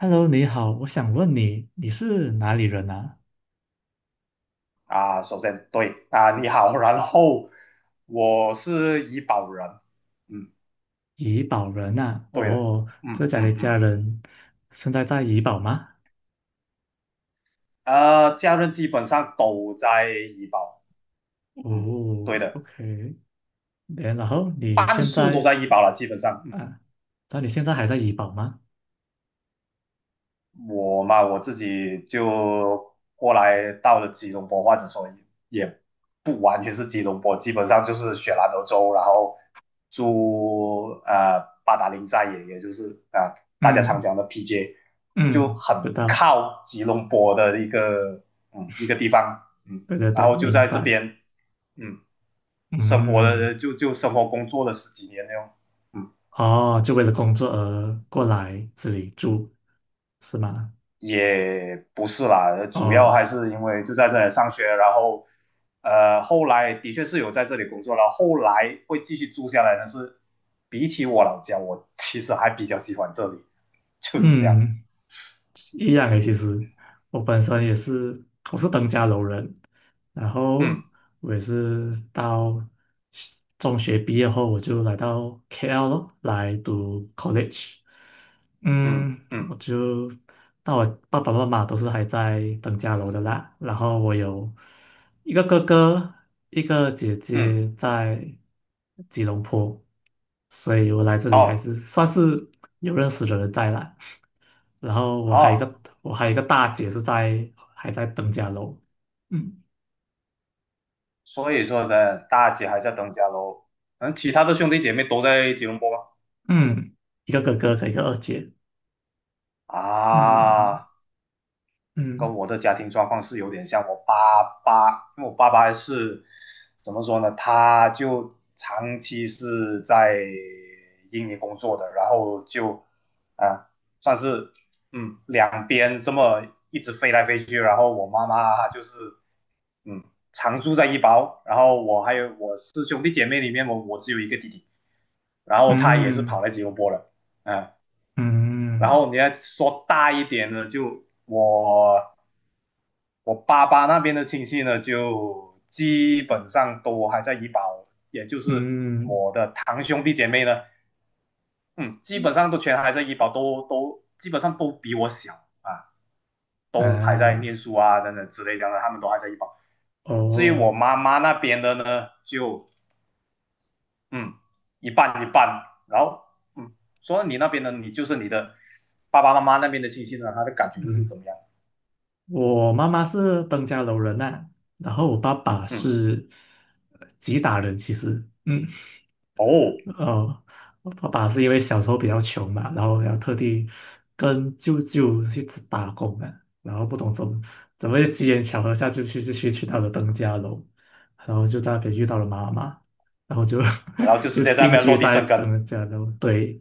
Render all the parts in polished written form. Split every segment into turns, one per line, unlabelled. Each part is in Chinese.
Hello，你好，我想问你，你是哪里人啊？
啊，首先对啊，你好，然后我是医保人。嗯，
怡保人啊？
对的。
哦，这
嗯
家的
嗯
家
嗯。
人现在在怡保吗？
家人基本上都在医保。嗯，
哦
对的。
，OK，然后你
半
现
数都
在
在医保了，基本上。
啊，那你现在还在怡保吗？
我嘛，我自己就过来到了吉隆坡，或者说也不完全是吉隆坡，基本上就是雪兰莪州，然后住八达岭寨也，也就是大家常
嗯
讲的 PJ，就
嗯，
很
知道，
靠吉隆坡的一个一个地方。嗯，
对对
然
对，
后就
明
在这
白。
边嗯生活了
嗯，
就生活工作了十几年那种。嗯。
哦，就为了工作而过来这里住，是吗？
也不是啦，主要还
哦，
是因为就在这里上学，然后后来的确是有在这里工作了，后来会继续住下来但是，比起我老家，我其实还比较喜欢这里，就是这样。
嗯一样诶，其实我本身也是，我是登嘉楼人，然后
嗯
我也是到中学毕业后，我就来到 KL 咯，来读 college。
嗯
嗯，
嗯
我就那我爸爸妈妈都是还在登嘉楼的啦，然后我有一个哥哥，一个姐
嗯，
姐在吉隆坡，所以我来这里还
好
是算是有认识的人在啦。然后我还有一个
好，
我还有一个大姐是在还在登嘉楼，嗯
所以说呢，大姐还是要等家喽。嗯，其他的兄弟姐妹都在吉隆坡吗？
嗯一个哥哥和一个二姐。嗯
啊。跟
嗯
我的家庭状况是有点像。我爸爸，因为我爸爸是怎么说呢？他就长期是在印尼工作的，然后就啊，算是两边这么一直飞来飞去。然后我妈妈就是嗯常住在一包，然后我还有我是兄弟姐妹里面我只有一个弟弟，然后他也是跑
嗯
来吉隆坡了。嗯、啊。然
嗯
后你要说大一点的，就我爸爸那边的亲戚呢，就基本上都还在医保，也就是
嗯
我的堂兄弟姐妹呢。嗯，基本上都全还在医保，都基本上都比我小啊，都还在念
啊
书啊等等之类的，他们都还在医保。至于我
哦，
妈妈那边的呢，就嗯一半一半，然后嗯，说你那边呢，你就是你的爸爸妈妈那边的亲戚呢，他的感觉就是
嗯
怎么样？
我妈妈是登嘉楼人呐、然后我爸爸
嗯，
是吉打人，其实。嗯。
哦，
哦，我爸爸是因为小时候比较穷嘛，然后要特地跟舅舅去起打工啊，然后不懂怎么机缘巧合下就去就去去到了登嘉楼，然后就在那边遇到了妈妈，然后就
然后 就直
就
接在那
定
边落
居
地
在
生根。
登嘉楼。对，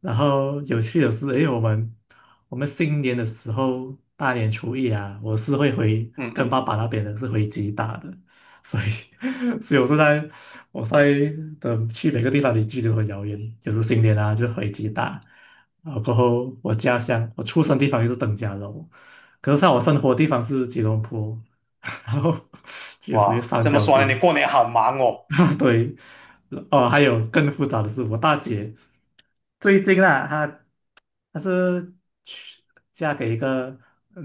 然后有趣的是，因为我们新年的时候，大年初一啊，我是会回
嗯
跟
嗯
爸
嗯，
爸那边的是回吉大的，所以 所以我是在。我在的去每个地方的距离都很遥远，有时新年啊就回吉打，然后过后我家乡我出生地方就是登嘉楼，可是像我生活地方是吉隆坡，然后就有属于
哇，
三
这么
角
说呢，你
形，
过年好忙哦。
啊 对，哦还有更复杂的是我大姐最近啊她她是去嫁给一个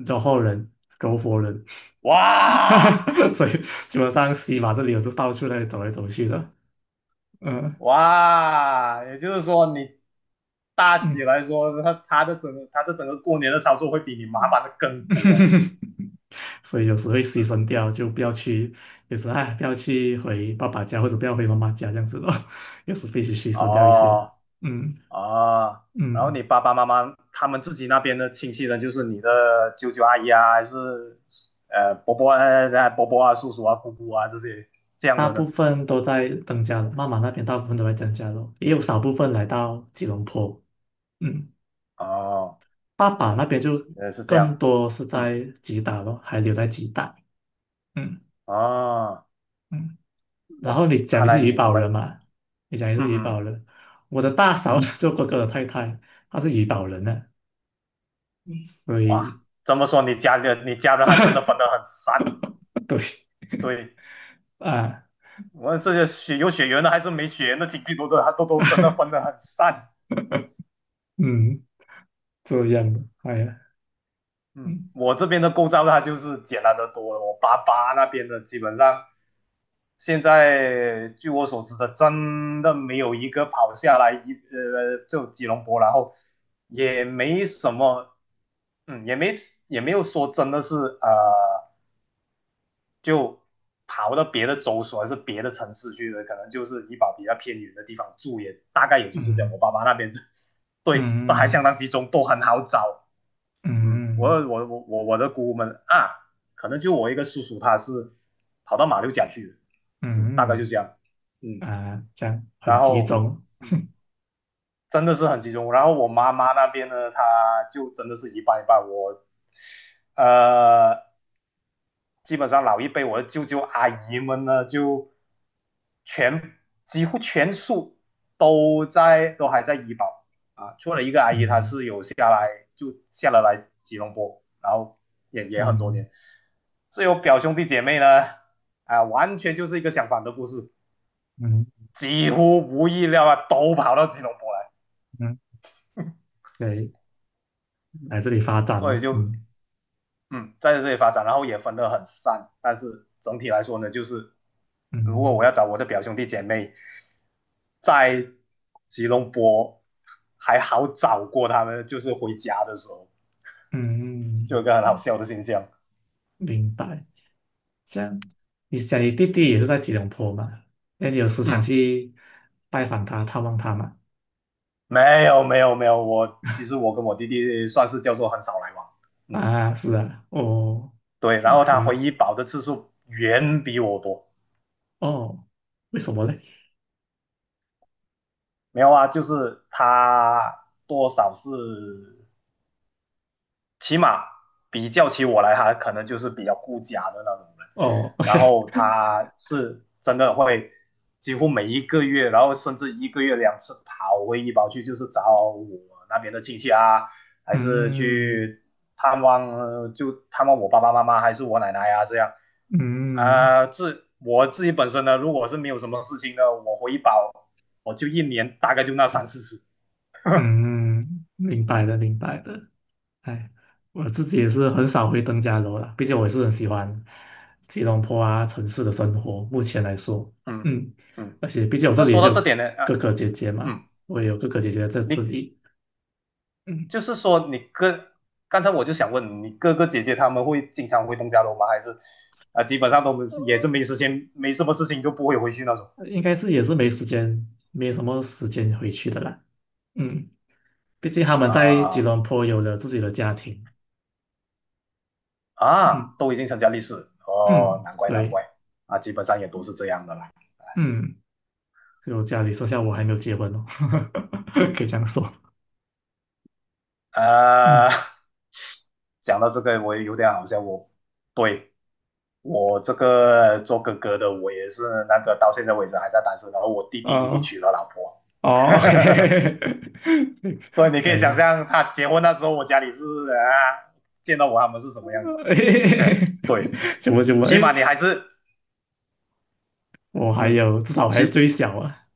柔佛人柔佛人，
哇
所以基本上西马这里我就到处那里走来走去的。呃，
哇，也就是说你大姐
嗯，
来说，她的整个过年的操作会比你麻烦的更多哎。
所以有时会牺牲掉，就不要去，有时哎，不要去回爸爸家或者不要回妈妈家这样子咯，有时必须牺牲掉一些。
哦
嗯
哦，然后你
嗯，
爸爸妈妈他们自己那边的亲戚呢，就是你的舅舅阿姨啊，还是伯伯伯伯啊、叔叔啊、姑姑啊这些这样
大
的
部
呢？
分都在增加楼，妈妈那边大部分都在增加楼，也有少部分来到吉隆坡。嗯，
哦，
爸爸那边就
是这
更
样。
多是
嗯，
在吉打咯，还留在吉打。嗯
哦。
嗯。然后
哇，
你讲
看
你
来
是怡
你
宝人
们，
嘛？你讲你是
嗯
怡宝
嗯
人，我的大嫂呢，
嗯，
做哥哥的太太，她是怡宝人呢、嗯所
哇，
以
怎么说你家人还真的分 得很散。
对
对，
啊，
无论是血有血缘的还是没血缘的亲戚都真的分 得很散。
嗯，这样的，哎呀，
嗯
嗯
我这边的构造它就是简单的多了，我爸爸那边的基本上现在据我所知的，真的没有一个跑下来就吉隆坡，然后也没什么。嗯，也没有说真的是呃。就跑到别的州所还是别的城市去的，可能就是怡保比较偏远的地方住也，大概也就是这样。我
嗯
爸爸那边 对，都还相
嗯
当集中，都很好找。嗯，我
嗯
我我我我的姑姑们啊，可能就我一个叔叔他是跑到马六甲去的。嗯，大概就
嗯
这样。嗯，
嗯啊，这样很
然
集
后
中，
嗯，真的是很集中。然后我妈妈那边呢，她就真的是一半一半。我呃，基本上老一辈我的舅舅阿姨们呢，就全几乎全数都还在医保啊，除了一个阿姨她
嗯
是有下来就下了来吉隆坡，然后也也很多
嗯
年。所以我表兄弟姐妹呢，啊，完全就是一个相反的故事，
嗯
几乎无意料啊都跑到吉隆坡来，
嗯，对，来这里发展
所以
哦，
就
嗯
嗯，在这里发展，然后也分得很散，但是整体来说呢，就是如果我
嗯
要找我的表兄弟姐妹，在吉隆坡还好找过他们，就是回家的时候
嗯，
就有
嗯
一个很
嗯
好笑的现象。
明白。这样，你想你弟弟也是在吉隆坡嘛？那你有时常
嗯，
去拜访他、探望他嘛？
没有，我其实我跟我弟弟算是叫做很少来往。嗯，
啊，是啊，哦
对，然后他回
，OK，
医保的次数远比我多。
哦，为什么嘞？
没有啊，就是他多少是起码比较起我来，他可能就是比较顾家的那种人。
哦
然
，OK，
后他是真的会几乎每一个月，然后甚至一个月两次跑回医保去，就是找我那边的亲戚啊，还是
嗯
去探望，就探望我爸爸妈妈，还是我奶奶啊这样。
嗯
啊，我自己本身呢，如果是没有什么事情呢，我回医保我就一年大概就那三四次。
嗯，明白的，明白的。哎，我自己也是很少回登嘉楼啦，毕竟我也是很喜欢吉隆坡啊城市的生活。目前来说，
嗯
嗯，
嗯，
而且毕竟我这
那
里也
说
是
到这
有
点呢，
哥哥姐姐嘛，
嗯，
我也有哥哥姐姐在这
你
里。嗯。
就是说你哥，刚才我就想问你哥哥姐姐他们会经常回东家楼吗？还是基本上都
呃
是也是没时间，没什么事情就不会回去那种
应该是也是没时间，没什么时间回去的啦。嗯，毕竟他们在吉
啊。
隆坡有了自己的家庭。嗯
啊，都已经成家立室。哦，
嗯，
难怪难
对，
怪。啊，基本上也都是这样的啦。
嗯，就家里剩下我还没有结婚哦，可以这样说。嗯，
啊，讲到这个我也有点好笑，我对我这个做哥哥的我也是那个到现在为止还在单身，然后我弟弟已经
哦
娶了老婆。
哦，OK，
所以 你可
可
以
以
想
的。
象他结婚那时候，我家里是啊，见到我他们是什么样子。对，
怎么？
起
哎，
码你还是
我还
嗯，
有，至少我还是
起
最小啊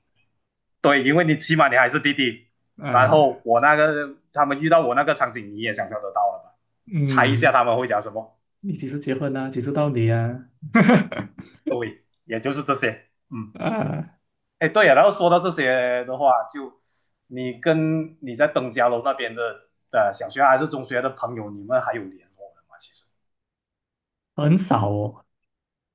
对，因为你起码你还是弟弟。然
啊，
后我那个他们遇到我那个场景，你也想象得到了吧？猜一下
嗯，
他们会讲什么，
你几时结婚啊？几时到你啊？
也就是这些。嗯，
啊。
哎，对呀、然后说到这些的话，就你跟你在登嘉楼那边的小学还是中学的朋友，你们还有联络的吗？其实，
很少哦，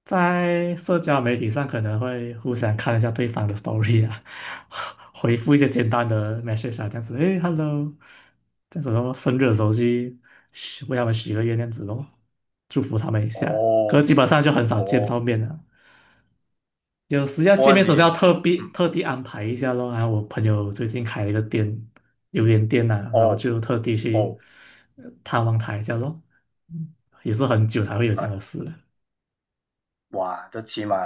在社交媒体上可能会互相看一下对方的 story 啊，回复一些简单的 message 啊，这样子，诶 Hello 这样子咯，生日的时候去许为他们许个愿，这样子咯，祝福他们一下。可是
哦
基本上就很少见到
哦，
面了，有时要
不
见
过
面总是要
你
特地
嗯。
特地安排一下咯。然后我朋友最近开了一个店，榴莲店呐、啊然后
哦
就特地去
哦，
探望他一下咯。嗯也是很久才会有这
呃，
样的事了。
哇，这起码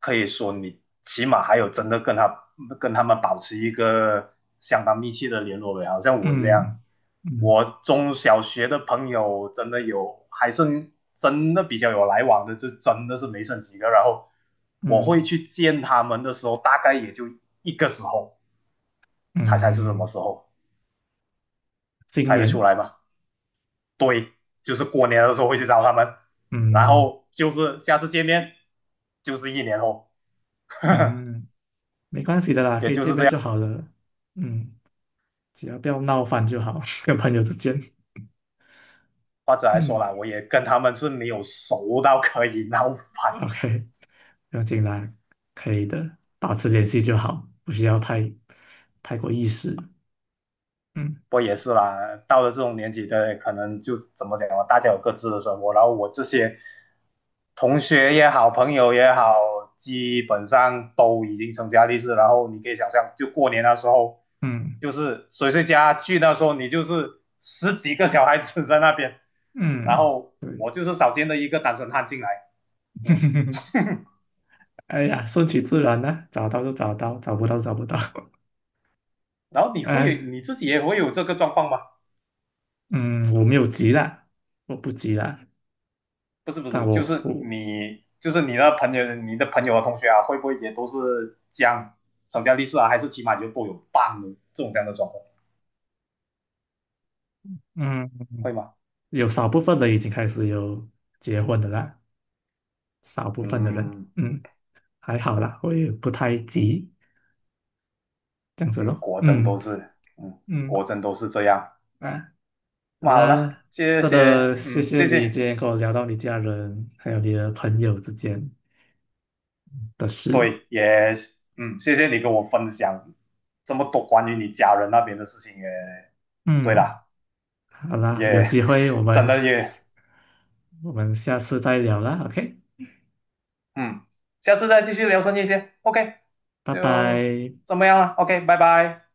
可以说你起码还有真的跟他跟他们保持一个相当密切的联络呗，好像我这样，
嗯嗯
我中小学的朋友真的有，还剩真的比较有来往的，就真的是没剩几个。然后我会
嗯
去见他们的时候，大概也就一个时候，猜猜是什么
嗯，
时候，
新
猜得出
年，
来吗？对，就是过年的时候会去找他们，然
嗯
后就是下次见面就是一年后，
嗯，没关系的啦，
也
可以
就
见
是这
面
样。
就好了。嗯，只要不要闹翻就好，跟朋友之间。
或者来说
嗯
啦，我也跟他们是没有熟到可以闹翻
，OK，不要紧啦，可以的，保持联系就好，不需要太太过意识。嗯
不也是啦，到了这种年纪的，可能就怎么讲啊，大家有各自的生活，然后我这些同学也好，朋友也好，基本上都已经成家立室，然后你可以想象，就过年的时候，
嗯
就是谁谁家聚那时候，你就是十几个小孩子在那边，然
嗯，
后
对，
我就是少见的一个单身汉进来。嗯，
哎呀，顺其自然啦、找到就找到，找不到就找不到。
然后你会
哎，
你自己也会有这个状况吗？
嗯，我没有急啦，我不急啦。
不是不
但
是，就是
我我
你的朋友和同学啊，会不会也都是这样，成家立室啊，还是起码就都有伴的这种这样的状况
嗯，
会吗？
有少部分人已经开始有结婚的啦，少部分的人，
嗯
嗯，还好啦，我也不太急，这样子
嗯，
咯，
果真
嗯
都是，嗯，
嗯
果真都是这样。
啊，好
那好了，
啦，
谢
真的
谢，
谢
嗯，
谢
谢
你
谢，
今天跟我聊到你家人还有你的朋友之间的事，
对，也，嗯，谢谢你跟我分享这么多关于你家人那边的事情。也，对
嗯，
了，
好啦，有
也
机会我
真
们
的也
我们下次再聊啦，OK，
嗯，下次再继续聊深夜些。OK，
拜
就
拜。
怎么样了？OK，拜拜。